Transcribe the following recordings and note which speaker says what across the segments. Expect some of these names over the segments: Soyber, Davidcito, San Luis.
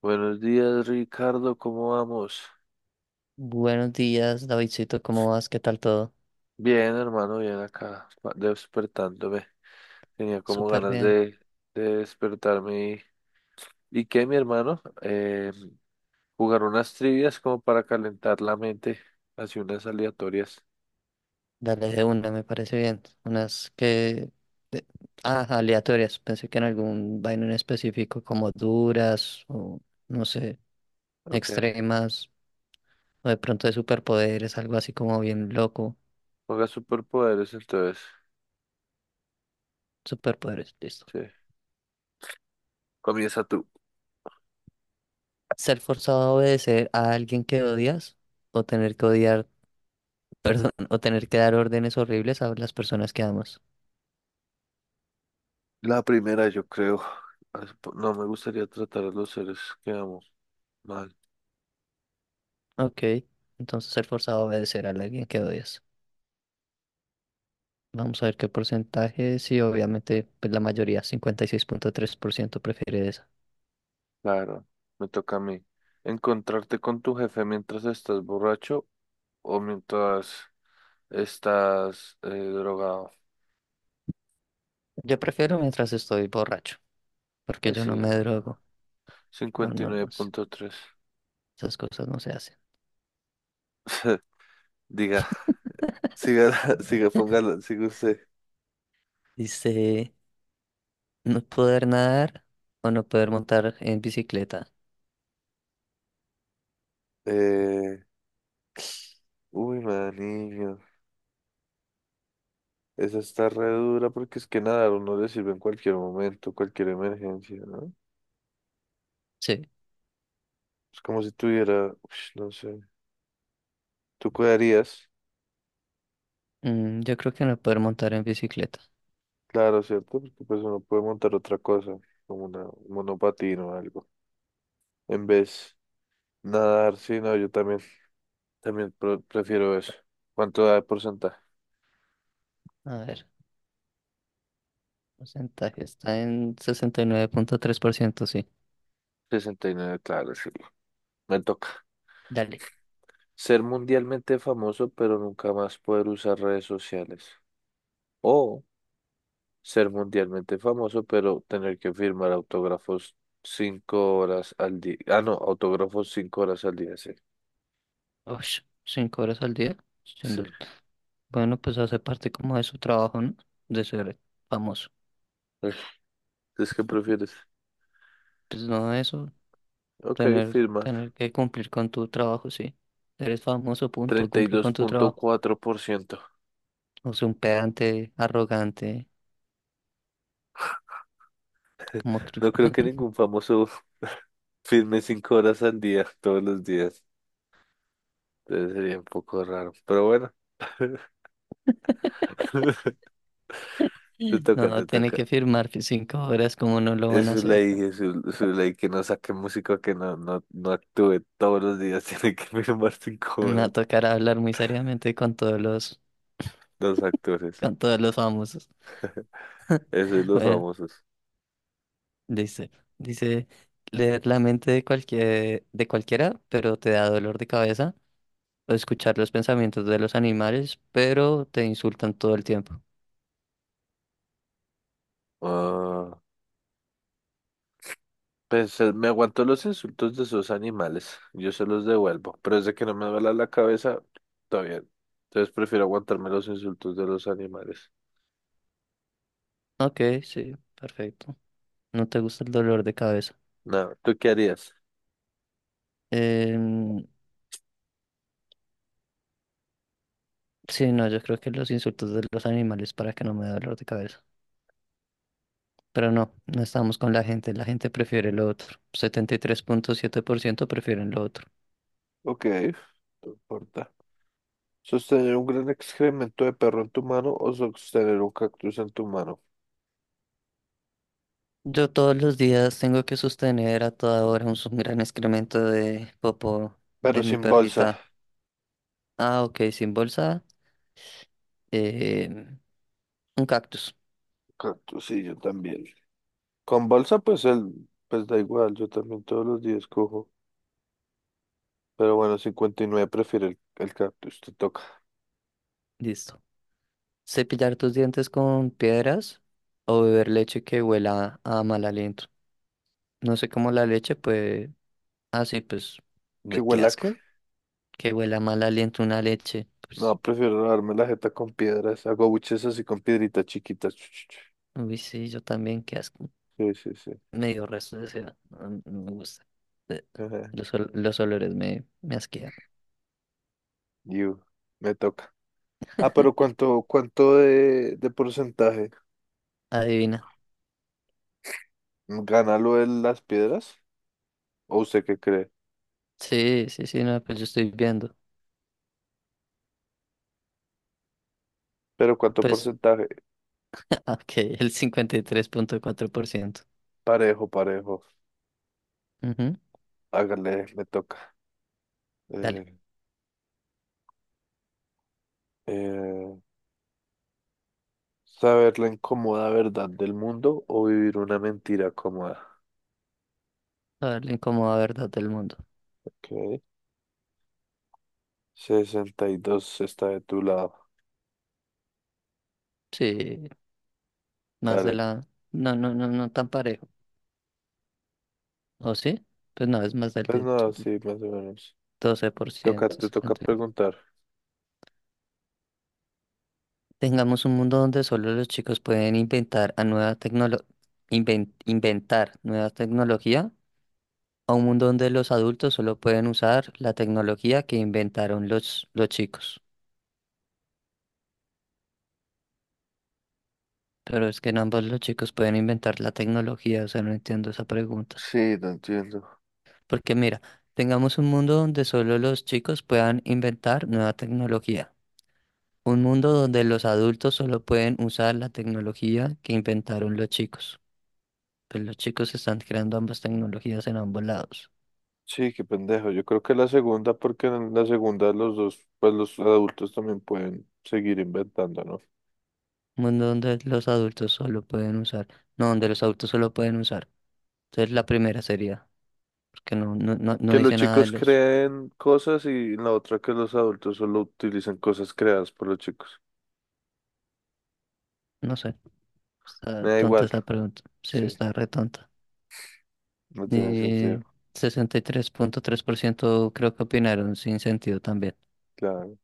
Speaker 1: Buenos días, Ricardo, ¿cómo vamos?
Speaker 2: Buenos días, Davidcito, ¿cómo vas? ¿Qué tal todo?
Speaker 1: Bien, hermano, bien acá, despertándome. Tenía como
Speaker 2: Súper
Speaker 1: ganas
Speaker 2: bien.
Speaker 1: de despertarme. ¿Y qué, mi hermano? Jugar unas trivias como para calentar la mente, así unas aleatorias.
Speaker 2: Dale de una, me parece bien. De- Ah, aleatorias. Pensé que en algún vaino en específico, como duras o, no sé,
Speaker 1: Ok,
Speaker 2: extremas, o de pronto de superpoderes, algo así como bien loco.
Speaker 1: juega superpoderes entonces.
Speaker 2: Superpoderes, listo.
Speaker 1: Sí, comienza tú.
Speaker 2: ¿Ser forzado a obedecer a alguien que odias o tener que odiar, perdón, o tener que dar órdenes horribles a las personas que amas?
Speaker 1: La primera, yo creo. No me gustaría tratar a los seres que amo mal.
Speaker 2: Ok, entonces ser forzado a obedecer a alguien que odias. Vamos a ver qué porcentaje. Sí, obviamente, pues la mayoría, 56,3% prefiere eso.
Speaker 1: Claro, me toca a mí. ¿Encontrarte con tu jefe mientras estás borracho o mientras estás drogado?
Speaker 2: Yo prefiero mientras estoy borracho, porque
Speaker 1: Ay,
Speaker 2: yo no
Speaker 1: sí,
Speaker 2: me
Speaker 1: no, no,
Speaker 2: drogo.
Speaker 1: no.
Speaker 2: No,
Speaker 1: cincuenta y
Speaker 2: no,
Speaker 1: nueve
Speaker 2: no, sé,
Speaker 1: punto tres,
Speaker 2: esas cosas no se hacen.
Speaker 1: Diga, siga, siga, póngala, siga usted.
Speaker 2: Dice, no poder nadar o no poder montar en bicicleta.
Speaker 1: Eh, Uy, maniño. Esa está re dura porque es que nadar uno le sirve en cualquier momento, cualquier emergencia, ¿no?
Speaker 2: Sí,
Speaker 1: Es como si tuviera, ush, no sé. ¿Tú cuidarías?
Speaker 2: yo creo que no poder montar en bicicleta.
Speaker 1: Claro, ¿cierto? Porque pues uno puede montar otra cosa, como un monopatín o algo. En vez nadar, sí, no, yo también. También prefiero eso. ¿Cuánto da de porcentaje?
Speaker 2: A ver, porcentaje está en 69,3%, sí.
Speaker 1: 69, claro, sí. Me toca.
Speaker 2: Dale.
Speaker 1: Ser mundialmente famoso, pero nunca más poder usar redes sociales. O ser mundialmente famoso, pero tener que firmar autógrafos 5 horas al día. Ah, no, autógrafos 5 horas al día, sí.
Speaker 2: Ush, 5 horas al día. siendo-
Speaker 1: Sí.
Speaker 2: el- Bueno, pues hace parte como de su trabajo, ¿no? De ser famoso.
Speaker 1: Ugh, ¿es que prefieres?
Speaker 2: Pues no, eso,
Speaker 1: Ok,
Speaker 2: tener,
Speaker 1: firmar.
Speaker 2: tener que cumplir con tu trabajo, sí. Eres famoso, punto,
Speaker 1: treinta y
Speaker 2: cumplir
Speaker 1: dos
Speaker 2: con tu
Speaker 1: punto
Speaker 2: trabajo.
Speaker 1: cuatro por ciento
Speaker 2: No es un pedante, arrogante, como cru-
Speaker 1: No creo que ningún famoso firme 5 horas al día, todos los días. Entonces sería un poco raro, pero bueno. Te toca,
Speaker 2: No,
Speaker 1: te
Speaker 2: tiene
Speaker 1: toca.
Speaker 2: que firmar que 5 horas, como no lo
Speaker 1: Es
Speaker 2: van a
Speaker 1: su
Speaker 2: hacer?
Speaker 1: ley, es su ley que no saque músico, que no, no, no actúe todos los días, tiene que firmar cinco
Speaker 2: Me va
Speaker 1: horas.
Speaker 2: a tocar hablar muy seriamente con
Speaker 1: Los actores,
Speaker 2: con todos los famosos.
Speaker 1: eso es los
Speaker 2: Bueno,
Speaker 1: famosos.
Speaker 2: dice, dice, leer la mente de cualquiera, pero te da dolor de cabeza, o escuchar los pensamientos de los animales, pero te insultan todo el tiempo.
Speaker 1: Ah, pues me aguanto los insultos de esos animales, yo se los devuelvo, pero desde que no me duela la cabeza, está bien. Entonces prefiero aguantarme los insultos de los animales.
Speaker 2: Ok, sí, perfecto. No te gusta el dolor de cabeza.
Speaker 1: No, ¿tú qué harías?
Speaker 2: Em, sí, no, yo creo que los insultos de los animales para que no me dé dolor de cabeza. Pero no, no estamos con la gente. La gente prefiere lo otro. 73,7% prefieren lo otro.
Speaker 1: Ok, no importa. Sostener un gran excremento de perro en tu mano o sostener un cactus en tu mano,
Speaker 2: Yo todos los días tengo que sostener a toda hora un gran excremento de popó
Speaker 1: pero
Speaker 2: de mi
Speaker 1: sin bolsa.
Speaker 2: perrita. Ah, ok, sin bolsa. em, un cactus.
Speaker 1: Cactus, sí, yo también. Con bolsa, pues da igual, yo también todos los días cojo. Pero bueno, 59 prefiere el cactus, te toca.
Speaker 2: Listo. Cepillar tus dientes con piedras o beber leche que huela a mal aliento. No sé cómo la leche, pues. Ah, sí, pues.
Speaker 1: ¿Qué
Speaker 2: Uy, qué
Speaker 1: huela a
Speaker 2: asco.
Speaker 1: qué?
Speaker 2: Que huela a mal aliento una leche.
Speaker 1: No,
Speaker 2: Pues.
Speaker 1: prefiero darme la jeta con piedras. Hago buches así con piedritas chiquitas. Chu, chu, chu.
Speaker 2: Uy, sí, yo también, qué asco.
Speaker 1: Sí, sí, sí.
Speaker 2: Medio resto de seda. No, no me gusta. Eh,
Speaker 1: Ajá.
Speaker 2: los olores me asquean.
Speaker 1: You, me toca. Ah, pero ¿cuánto de porcentaje?
Speaker 2: Adivina.
Speaker 1: ¿Gana lo de las piedras? ¿O usted qué cree?
Speaker 2: Sí, sí, sí, no, pues yo estoy viendo.
Speaker 1: Pero ¿cuánto
Speaker 2: Pues,
Speaker 1: porcentaje?
Speaker 2: ok, el 53,4%.
Speaker 1: Parejo, parejo.
Speaker 2: Ujú,
Speaker 1: Hágale, me toca.
Speaker 2: dale.
Speaker 1: Eh, eh, Saber la incómoda verdad del mundo o vivir una mentira cómoda.
Speaker 2: A ver, la incómoda verdad del mundo.
Speaker 1: Ok. 62 está de tu lado.
Speaker 2: Sí. Más de
Speaker 1: Dale.
Speaker 2: la... No, no, no, no tan parejo. ¿O sí? Pues no, es más del
Speaker 1: Pues
Speaker 2: 10,
Speaker 1: nada,
Speaker 2: el
Speaker 1: sí, más o menos. Toca,
Speaker 2: 12%.
Speaker 1: te toca
Speaker 2: 60.
Speaker 1: preguntar.
Speaker 2: Tengamos un mundo donde solo los chicos pueden inventar a nueva tecnolo- inven- inventar nueva tecnología, a un mundo donde los adultos solo pueden usar la tecnología que inventaron los chicos. Pero es que en ambos los chicos pueden inventar la tecnología, o sea, no entiendo esa pregunta.
Speaker 1: Sí, no entiendo.
Speaker 2: Porque mira, tengamos un mundo donde solo los chicos puedan inventar nueva tecnología. Un mundo donde los adultos solo pueden usar la tecnología que inventaron los chicos. Pues los chicos están creando ambas tecnologías en ambos lados.
Speaker 1: Sí, qué pendejo. Yo creo que la segunda, porque en la segunda los dos, pues los adultos también pueden seguir inventando, ¿no?
Speaker 2: Un mundo donde los adultos solo pueden usar. No, donde los adultos solo pueden usar. Entonces la primera sería, porque no, no, no, no
Speaker 1: Que los
Speaker 2: dice nada de
Speaker 1: chicos
Speaker 2: los.
Speaker 1: creen cosas y la otra que los adultos solo utilizan cosas creadas por los chicos.
Speaker 2: No sé. Está
Speaker 1: Me da
Speaker 2: tonta
Speaker 1: igual.
Speaker 2: esa pregunta. Sí,
Speaker 1: Sí,
Speaker 2: está re tonta.
Speaker 1: no tiene sentido.
Speaker 2: Y tres tres punto tres por ciento creo que opinaron sin sentido también.
Speaker 1: Claro.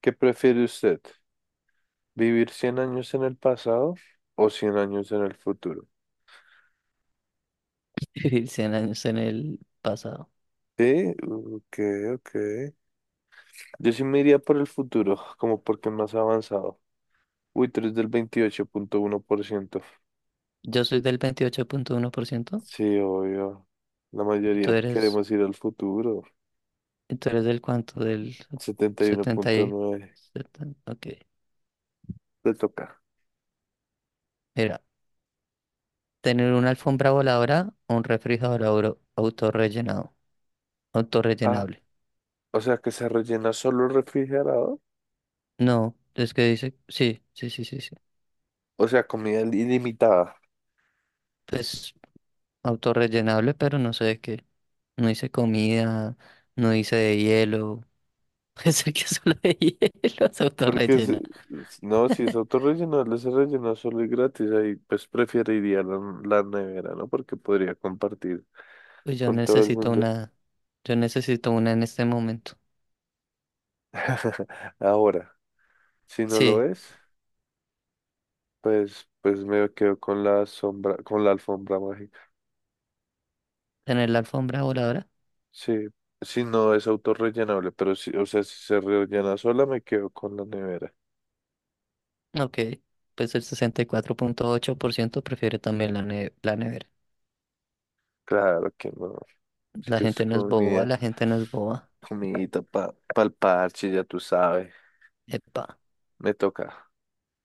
Speaker 1: ¿Qué prefiere usted? ¿Vivir 100 años en el pasado o 100 años en el futuro?
Speaker 2: Vivir 100 años en el pasado.
Speaker 1: Sí, ok, ok. Yo sí me iría por el futuro, como porque es más avanzado. Uy, tres del 28,1%.
Speaker 2: Yo soy del 28,1%.
Speaker 1: Sí, obvio. La
Speaker 2: ¿Y tú
Speaker 1: mayoría
Speaker 2: eres,
Speaker 1: queremos ir al futuro.
Speaker 2: y tú eres del cuánto? Del
Speaker 1: setenta y uno
Speaker 2: 70
Speaker 1: punto
Speaker 2: y
Speaker 1: nueve
Speaker 2: setenta. Ok.
Speaker 1: Le toca.
Speaker 2: Mira, tener una alfombra voladora o un refrigerador
Speaker 1: Ah,
Speaker 2: autorrellenable.
Speaker 1: o sea, que se rellena solo el refrigerador.
Speaker 2: No, es que dice, sí, sí, sí, sí, sí.
Speaker 1: O sea, comida ilimitada.
Speaker 2: Pues autorrellenable, pero no sé de qué. No hice comida, no hice de hielo. Pensé que solo de hielo se
Speaker 1: Porque
Speaker 2: autorrellena.
Speaker 1: no, si es autorrellenable, se rellena solo y gratis. Ahí pues preferiría la nevera, ¿no? Porque podría compartir
Speaker 2: Pues
Speaker 1: con todo el mundo.
Speaker 2: yo necesito una en este momento.
Speaker 1: Ahora, si no lo
Speaker 2: Sí,
Speaker 1: es, pues, me quedo con la sombra, con la alfombra mágica.
Speaker 2: tener la alfombra voladora.
Speaker 1: Sí, si no es autorrellenable, pero si, o sea, si se rellena sola, me quedo con la nevera.
Speaker 2: Ok, pues el 64,8% prefiere también la nevera.
Speaker 1: Claro que no. Es
Speaker 2: La
Speaker 1: que es
Speaker 2: gente no es boba,
Speaker 1: comida.
Speaker 2: la gente no es boba.
Speaker 1: Comidita para el parche, ya tú sabes.
Speaker 2: Epa.
Speaker 1: Me toca.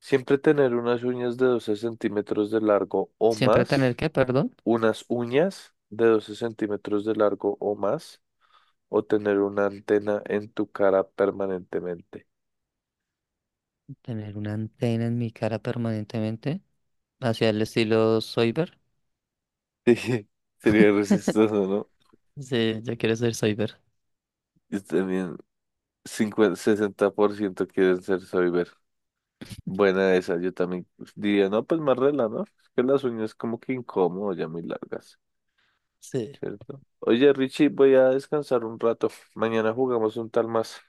Speaker 1: Siempre tener unas uñas de 12 centímetros de largo o
Speaker 2: Siempre
Speaker 1: más.
Speaker 2: tener que, perdón,
Speaker 1: Unas uñas de 12 centímetros de largo o más. O tener una antena en tu cara permanentemente.
Speaker 2: tener una antena en mi cara permanentemente, hacia el estilo Soyber.
Speaker 1: Sí, sería resistoso, ¿no?
Speaker 2: Sí, yo quiero ser Soyber.
Speaker 1: Yo también, 50, 60% quieren ser soyber. Buena esa, yo también diría, no, pues más rela, ¿no? Es que las uñas como que incómodo, ya muy largas.
Speaker 2: Sí.
Speaker 1: ¿Cierto? Oye, Richie, voy a descansar un rato. Mañana jugamos un tal más.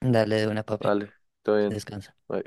Speaker 2: Dale de una, papi.
Speaker 1: Vale, todo bien.
Speaker 2: Descansa.
Speaker 1: Bye.